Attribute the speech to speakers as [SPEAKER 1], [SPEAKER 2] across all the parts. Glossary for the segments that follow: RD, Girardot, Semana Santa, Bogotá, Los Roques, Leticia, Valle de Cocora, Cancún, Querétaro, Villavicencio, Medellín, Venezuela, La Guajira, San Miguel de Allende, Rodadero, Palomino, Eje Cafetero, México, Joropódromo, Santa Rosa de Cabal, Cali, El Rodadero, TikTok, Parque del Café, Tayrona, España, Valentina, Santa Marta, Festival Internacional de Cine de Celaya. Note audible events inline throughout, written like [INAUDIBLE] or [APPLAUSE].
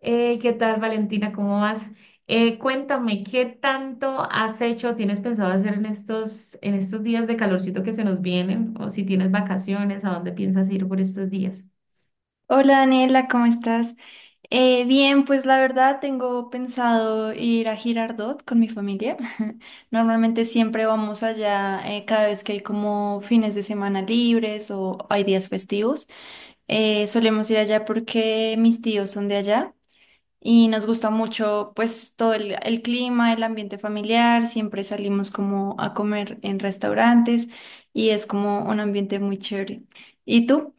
[SPEAKER 1] ¿Qué tal, Valentina? ¿Cómo vas? Cuéntame, ¿qué tanto has hecho, tienes pensado hacer en estos días de calorcito que se nos vienen? O si tienes vacaciones, ¿a dónde piensas ir por estos días?
[SPEAKER 2] Hola Daniela, ¿cómo estás? Bien, pues la verdad tengo pensado ir a Girardot con mi familia. [LAUGHS] Normalmente siempre vamos allá cada vez que hay como fines de semana libres o hay días festivos. Solemos ir allá porque mis tíos son de allá y nos gusta mucho pues todo el clima, el ambiente familiar. Siempre salimos como a comer en restaurantes y es como un ambiente muy chévere. ¿Y tú?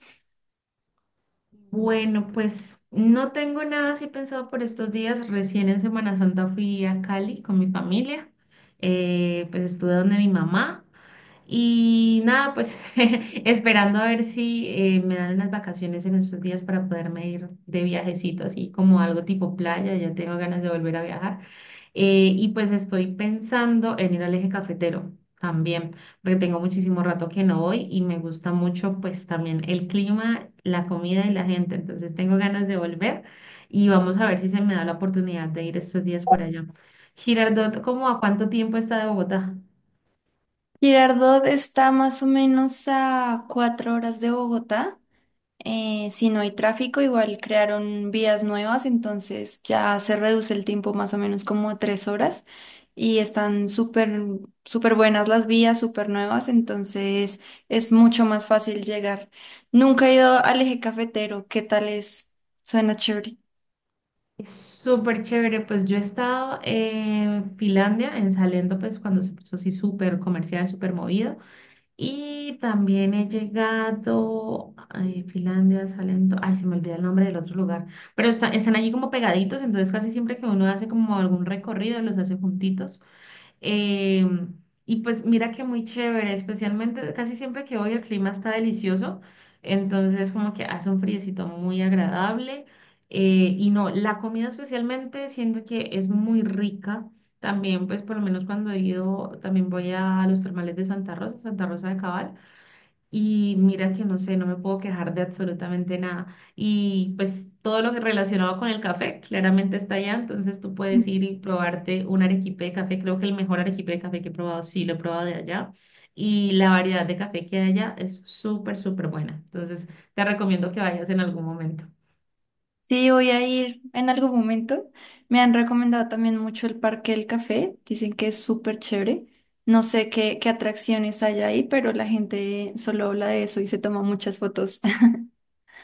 [SPEAKER 1] Bueno, pues no tengo nada así pensado por estos días. Recién en Semana Santa fui a Cali con mi familia. Pues estuve donde mi mamá. Y nada, pues [LAUGHS] esperando a ver si me dan unas vacaciones en estos días para poderme ir de viajecito, así como algo tipo playa, ya tengo ganas de volver a viajar. Y pues estoy pensando en ir al Eje Cafetero también, porque tengo muchísimo rato que no voy y me gusta mucho pues también el clima, la comida y la gente, entonces tengo ganas de volver y vamos a ver si se me da la oportunidad de ir estos días por allá. Girardot, ¿cómo a cuánto tiempo está de Bogotá?
[SPEAKER 2] Girardot está más o menos a cuatro horas de Bogotá. Si no hay tráfico, igual crearon vías nuevas, entonces ya se reduce el tiempo más o menos como a tres horas y están súper, súper buenas las vías, súper nuevas, entonces es mucho más fácil llegar. Nunca he ido al eje cafetero, ¿qué tal es? Suena chévere.
[SPEAKER 1] Es súper chévere, pues yo he estado en Finlandia, en Salento, pues cuando se puso así súper comercial, súper movido. Y también he llegado a Finlandia, Salento, ay, se me olvida el nombre del otro lugar, pero están allí como pegaditos, entonces casi siempre que uno hace como algún recorrido, los hace juntitos. Eh, y pues mira que muy chévere, especialmente casi siempre que voy el clima está delicioso, entonces como que hace un friecito muy agradable. Y no, la comida especialmente siento que es muy rica. También pues por lo menos cuando he ido, también voy a los termales de Santa Rosa, Santa Rosa de Cabal. Y mira que no sé, no me puedo quejar de absolutamente nada. Y pues todo lo que relacionado con el café, claramente está allá. Entonces tú puedes ir y probarte un arequipe de café. Creo que el mejor arequipe de café que he probado, sí, lo he probado de allá. Y la variedad de café que hay allá es súper, súper buena. Entonces te recomiendo que vayas en algún momento.
[SPEAKER 2] Sí, voy a ir en algún momento. Me han recomendado también mucho el Parque del Café. Dicen que es súper chévere. No sé qué, qué atracciones hay ahí, pero la gente solo habla de eso y se toma muchas fotos.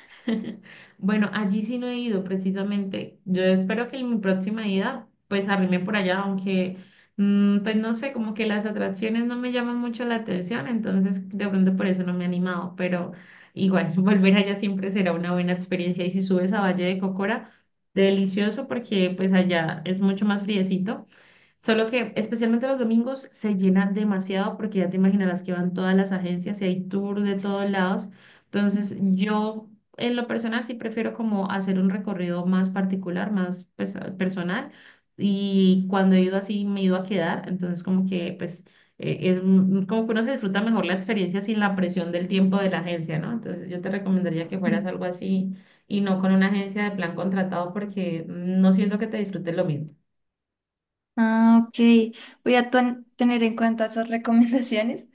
[SPEAKER 1] [LAUGHS] Bueno, allí sí no he ido precisamente. Yo espero que en mi próxima ida pues arrime por allá, aunque pues no sé, como que las atracciones no me llaman mucho la atención, entonces de pronto por eso no me he animado, pero igual [LAUGHS] volver allá siempre será una buena experiencia y si subes a Valle de Cocora, delicioso porque pues allá es mucho más friecito. Solo que especialmente los domingos se llena demasiado porque ya te imaginarás que van todas las agencias y hay tour de todos lados. Entonces yo en lo personal sí prefiero como hacer un recorrido más particular, más pues, personal. Y cuando he ido así me he ido a quedar. Entonces como que pues como que uno se disfruta mejor la experiencia sin la presión del tiempo de la agencia, ¿no? Entonces yo te recomendaría que fueras
[SPEAKER 2] [LAUGHS]
[SPEAKER 1] algo así y no con una agencia de plan contratado porque no siento que te disfrutes lo mismo.
[SPEAKER 2] Ah, ok. Voy a tener en cuenta esas [LAUGHS] recomendaciones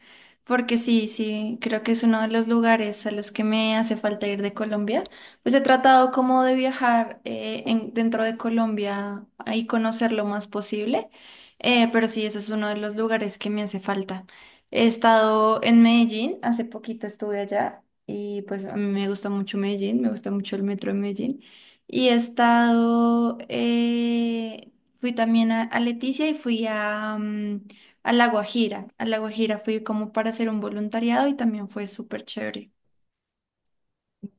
[SPEAKER 2] porque sí, sí, creo que es uno de los lugares a los que me hace falta ir de Colombia. Pues he tratado como de viajar dentro de Colombia y conocer lo más posible, pero sí, ese es uno de los lugares que me hace falta. He estado en Medellín, hace poquito estuve allá y pues a mí me gusta mucho Medellín, me gusta mucho el metro de Medellín. Y he estado fui también a Leticia y fui a, a La Guajira. A La Guajira fui como para hacer un voluntariado y también fue súper chévere.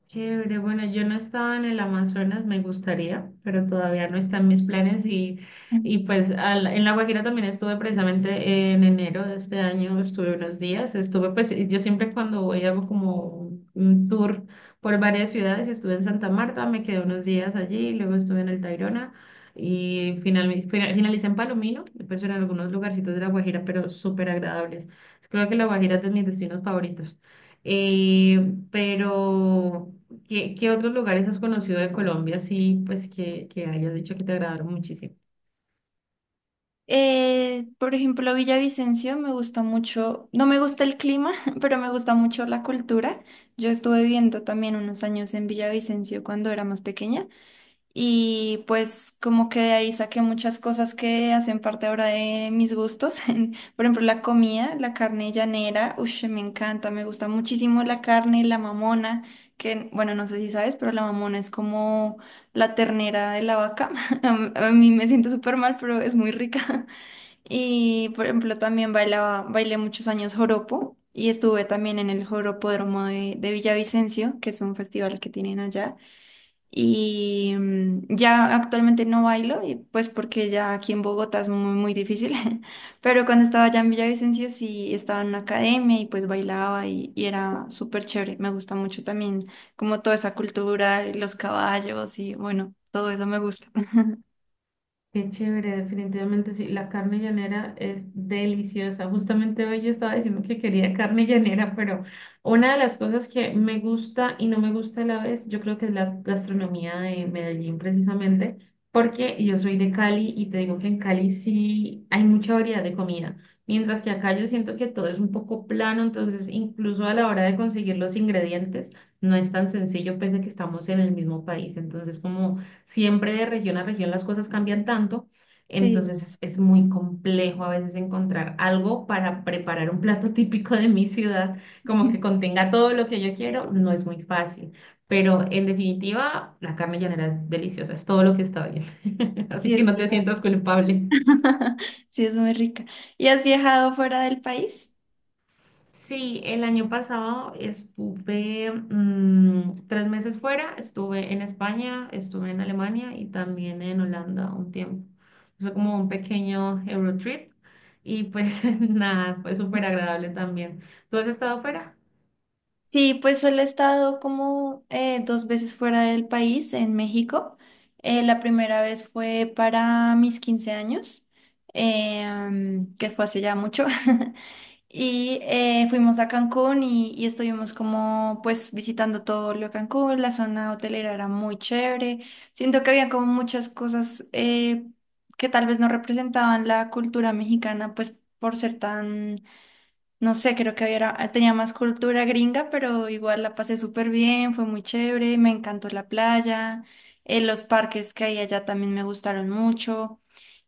[SPEAKER 1] Chévere, bueno, yo no estaba en el Amazonas, me gustaría, pero todavía no están mis planes
[SPEAKER 2] Ujú.
[SPEAKER 1] y pues en La Guajira también estuve precisamente en enero de este año, estuve unos días, estuve pues y yo siempre cuando voy hago como un tour por varias ciudades, estuve en Santa Marta, me quedé unos días allí, luego estuve en el Tayrona y finalmente finalicé en Palomino, pues en algunos lugarcitos de La Guajira, pero súper agradables. Creo que La Guajira es de mis destinos favoritos. Pero... ¿Qué otros lugares has conocido de Colombia, sí, pues que hayas dicho que te agradaron muchísimo?
[SPEAKER 2] Por ejemplo, Villavicencio me gusta mucho, no me gusta el clima, [LAUGHS] pero me gusta mucho la cultura. Yo estuve viviendo también unos años en Villavicencio cuando era más pequeña. Y pues como que de ahí saqué muchas cosas que hacen parte ahora de mis gustos. [LAUGHS] Por ejemplo, la comida, la carne llanera, uff, me encanta, me gusta muchísimo la carne, la mamona, que bueno, no sé si sabes, pero la mamona es como la ternera de la vaca. [LAUGHS] A mí me siento súper mal, pero es muy rica. [LAUGHS] Y por ejemplo, también bailaba, bailé muchos años joropo. Y estuve también en el Joropódromo de Villavicencio, que es un festival que tienen allá. Y ya actualmente no bailo, y pues porque ya aquí en Bogotá es muy, muy difícil. [LAUGHS] Pero cuando estaba allá en Villavicencio sí estaba en una academia y pues bailaba y era súper chévere. Me gusta mucho también como toda esa cultura, y los caballos y bueno, todo eso me gusta. [LAUGHS]
[SPEAKER 1] Qué chévere, definitivamente sí. La carne llanera es deliciosa. Justamente hoy yo estaba diciendo que quería carne llanera, pero una de las cosas que me gusta y no me gusta a la vez, yo creo que es la gastronomía de Medellín precisamente, porque yo soy de Cali y te digo que en Cali sí hay mucha variedad de comida, mientras que acá yo siento que todo es un poco plano, entonces incluso a la hora de conseguir los ingredientes no es tan sencillo, pese a que estamos en el mismo país. Entonces, como siempre de región a región las cosas cambian tanto,
[SPEAKER 2] Sí,
[SPEAKER 1] entonces es muy complejo a veces encontrar algo para preparar un plato [LAUGHS] típico de mi ciudad, como
[SPEAKER 2] [LAUGHS]
[SPEAKER 1] que contenga todo lo que yo quiero, no es muy fácil. Pero en definitiva, la carne llanera es deliciosa, es todo lo que está bien. [LAUGHS] Así
[SPEAKER 2] sí
[SPEAKER 1] que
[SPEAKER 2] es
[SPEAKER 1] no te
[SPEAKER 2] verdad.
[SPEAKER 1] sientas culpable.
[SPEAKER 2] [LAUGHS] Sí es muy rica. ¿Y has viajado fuera del país?
[SPEAKER 1] Sí, el año pasado estuve 3 meses fuera, estuve en España, estuve en Alemania y también en Holanda un tiempo. Fue como un pequeño Eurotrip y pues [LAUGHS] nada, fue súper agradable también. ¿Tú has estado fuera?
[SPEAKER 2] Sí, pues solo he estado como dos veces fuera del país, en México. La primera vez fue para mis 15 años, que fue hace ya mucho. [LAUGHS] Y fuimos a Cancún y estuvimos como pues visitando todo lo de Cancún. La zona hotelera era muy chévere. Siento que había como muchas cosas que tal vez no representaban la cultura mexicana, pues por ser tan, no sé, creo que era, tenía más cultura gringa, pero igual la pasé súper bien, fue muy chévere, me encantó la playa, los parques que hay allá también me gustaron mucho.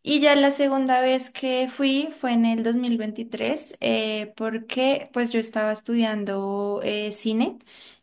[SPEAKER 2] Y ya la segunda vez que fui fue en el 2023, porque pues yo estaba estudiando cine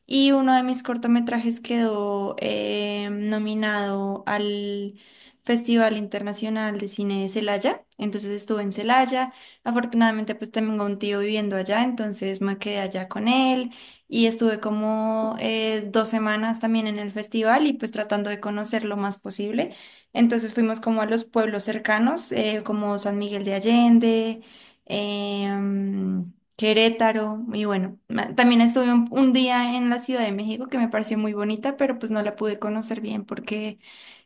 [SPEAKER 2] y uno de mis cortometrajes quedó nominado al Festival Internacional de Cine de Celaya, entonces estuve en Celaya. Afortunadamente, pues tengo un tío viviendo allá, entonces me quedé allá con él y estuve como dos semanas también en el festival y pues tratando de conocer lo más posible. Entonces fuimos como a los pueblos cercanos, como San Miguel de Allende, Querétaro y bueno, también estuve un día en la Ciudad de México que me pareció muy bonita, pero pues no la pude conocer bien porque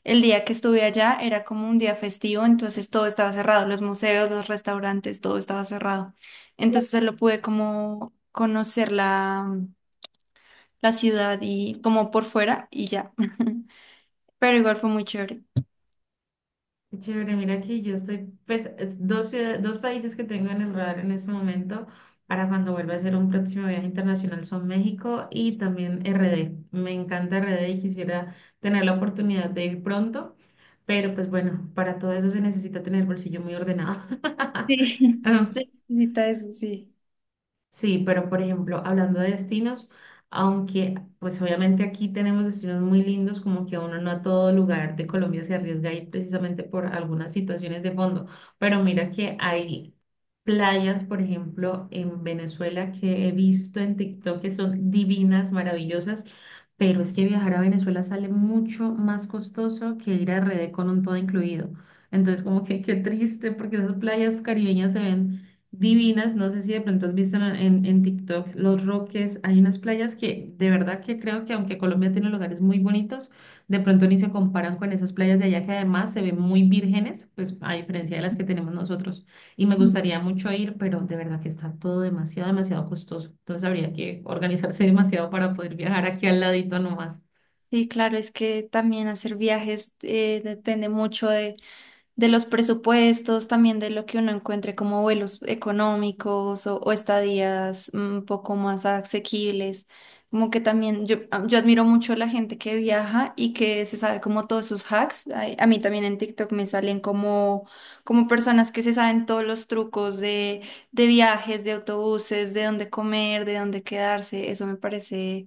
[SPEAKER 2] el día que estuve allá era como un día festivo, entonces todo estaba cerrado, los museos, los restaurantes, todo estaba cerrado. Entonces solo pude como conocer la ciudad y como por fuera y ya. [LAUGHS] Pero igual fue muy chévere.
[SPEAKER 1] Qué chévere, mira que yo estoy, pues, es dos ciudades, dos países que tengo en el radar en este momento para cuando vuelva a hacer un próximo viaje internacional son México y también RD. Me encanta RD y quisiera tener la oportunidad de ir pronto, pero pues bueno, para todo eso se necesita tener el bolsillo muy ordenado.
[SPEAKER 2] Sí, [LAUGHS] sí,
[SPEAKER 1] [LAUGHS]
[SPEAKER 2] necesita eso, sí.
[SPEAKER 1] Sí, pero por ejemplo, hablando de destinos, aunque pues obviamente aquí tenemos destinos muy lindos, como que uno no a todo lugar de Colombia se arriesga a ir precisamente por algunas situaciones de fondo, pero mira que hay playas, por ejemplo, en Venezuela que he visto en TikTok que son divinas, maravillosas, pero es que viajar a Venezuela sale mucho más costoso que ir a RD con un todo incluido. Entonces, como que qué triste, porque esas playas caribeñas se ven divinas. No sé si de pronto has visto en TikTok Los Roques. Hay unas playas que de verdad que creo que aunque Colombia tiene lugares muy bonitos, de pronto ni se comparan con esas playas de allá que además se ven muy vírgenes, pues a diferencia de las que tenemos nosotros. Y me gustaría mucho ir, pero de verdad que está todo demasiado, demasiado costoso. Entonces habría que organizarse [LAUGHS] demasiado para poder viajar aquí al ladito nomás.
[SPEAKER 2] Sí, claro, es que también hacer viajes depende mucho de los presupuestos, también de lo que uno encuentre como vuelos económicos o estadías un poco más asequibles. Como que también yo admiro mucho la gente que viaja y que se sabe como todos sus hacks. Ay, A, mí también en TikTok me salen como, como personas que se saben todos los trucos de viajes, de autobuses, de dónde comer, de dónde quedarse. Eso me parece,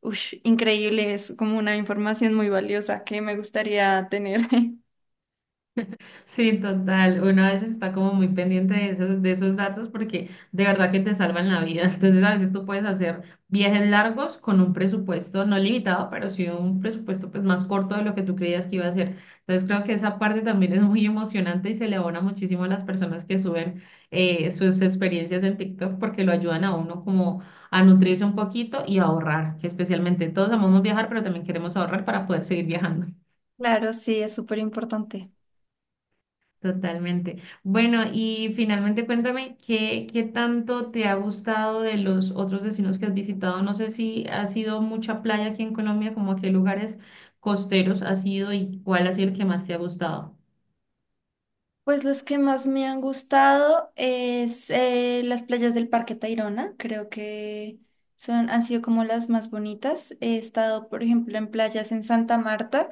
[SPEAKER 2] ush, increíble. Es como una información muy valiosa que me gustaría tener. [LAUGHS]
[SPEAKER 1] Sí, total. Uno a veces está como muy pendiente de de esos datos porque de verdad que te salvan la vida. [LAUGHS] Entonces, a veces tú puedes hacer viajes largos con un presupuesto no limitado, pero sí un presupuesto pues más corto de lo que tú creías que iba a ser. Entonces, creo que esa parte también es muy emocionante y se le abona muchísimo a las personas que suben sus experiencias en TikTok porque lo ayudan a uno como a nutrirse un poquito y a ahorrar, que especialmente todos amamos viajar, pero también queremos ahorrar para poder seguir viajando.
[SPEAKER 2] Claro, sí, es súper importante.
[SPEAKER 1] Totalmente. Bueno, y finalmente cuéntame, ¿qué tanto te ha gustado de los otros destinos que has visitado? No sé si ha sido mucha playa aquí en Colombia, como a qué lugares costeros has ido y cuál ha sido el que más te ha gustado.
[SPEAKER 2] Pues los que más me han gustado es las playas del Parque Tayrona. Creo que son, han sido como las más bonitas. He estado, por ejemplo, en playas en Santa Marta,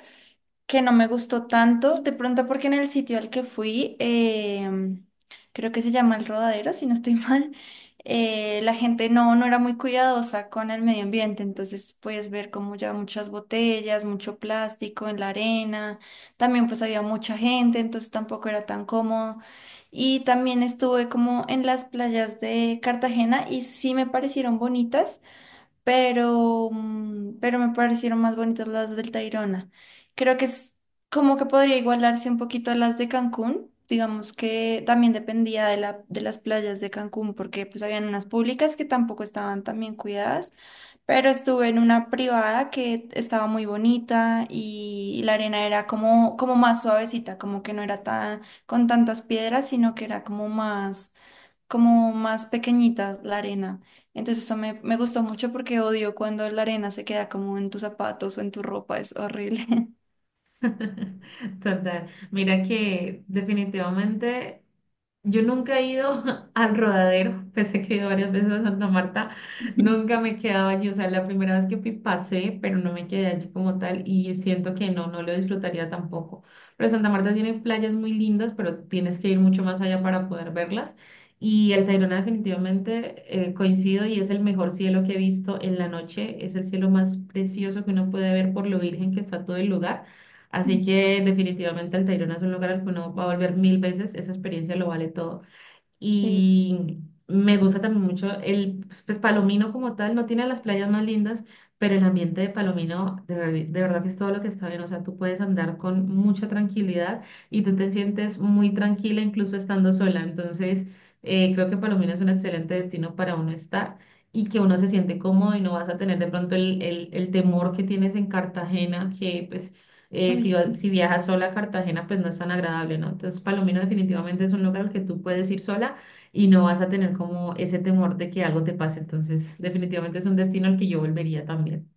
[SPEAKER 2] que no me gustó tanto, de pronto porque en el sitio al que fui, creo que se llama El Rodadero, si no estoy [LAUGHS] mal, la gente no, no era muy cuidadosa con el medio ambiente, entonces puedes ver como ya muchas botellas, mucho plástico en la arena, también pues había mucha gente, entonces tampoco era tan cómodo. Y también estuve como en las playas de Cartagena y sí me parecieron bonitas, pero, pero me parecieron más bonitas las del Tayrona. Creo que es como que podría igualarse un poquito a las de Cancún. Digamos que también dependía de de las playas de Cancún, porque pues habían unas públicas que tampoco estaban tan bien cuidadas, pero estuve en una privada que estaba muy bonita y la arena era como, como más suavecita, como que no era tan, con tantas piedras, sino que era como más, como más pequeñita la arena. Entonces eso me gustó mucho porque odio cuando la arena se queda como en tus zapatos o en tu ropa, es horrible.
[SPEAKER 1] [LAUGHS] Total. Mira que definitivamente yo nunca he ido [LAUGHS] al rodadero, pese a que he ido varias veces a Santa Marta, nunca
[SPEAKER 2] [LAUGHS]
[SPEAKER 1] me he quedado allí. O sea, la primera vez que fui pasé, pero no me quedé allí como tal y siento que no, no lo disfrutaría tampoco. Pero Santa Marta tiene playas muy lindas, pero tienes que ir mucho más allá para poder verlas. Y el Tayrona definitivamente coincido y es el mejor cielo que he visto en la noche. Es el cielo más precioso que uno puede ver por lo virgen que está todo el lugar. Así que definitivamente Altairona es un lugar al que uno va a volver mil veces, esa experiencia lo vale todo.
[SPEAKER 2] Sí,
[SPEAKER 1] Y me gusta también mucho el, pues, Palomino como tal, no tiene las playas más lindas, pero el ambiente de Palomino de, de verdad que es todo lo que está bien, o sea, tú puedes andar con mucha tranquilidad y tú te sientes muy tranquila incluso estando sola. Entonces, creo que Palomino es un excelente destino para uno estar. Y que uno se siente cómodo y no vas a tener de pronto el temor que tienes en Cartagena, que pues
[SPEAKER 2] uy.
[SPEAKER 1] si viajas sola a Cartagena, pues no es tan agradable, ¿no? Entonces, Palomino definitivamente es un lugar al que tú puedes ir sola y no vas a tener como ese temor de que algo te pase. Entonces, definitivamente es un destino al que yo volvería también.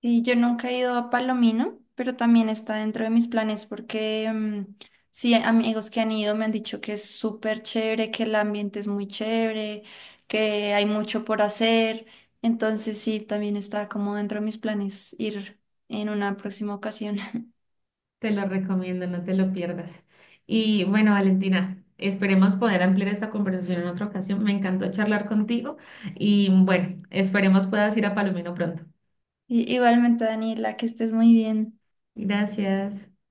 [SPEAKER 2] Sí, yo nunca he ido a Palomino, pero también está dentro de mis planes porque sí, amigos que han ido me han dicho que es súper chévere, que el ambiente es muy chévere, que hay mucho por hacer. Entonces sí, también está como dentro de mis planes ir en una próxima ocasión.
[SPEAKER 1] Te lo recomiendo, no te lo pierdas. Y bueno, Valentina, esperemos poder ampliar esta conversación en otra ocasión. Me encantó charlar contigo y bueno, esperemos puedas ir a Palomino pronto.
[SPEAKER 2] Igualmente, Daniela, que estés muy bien.
[SPEAKER 1] Gracias.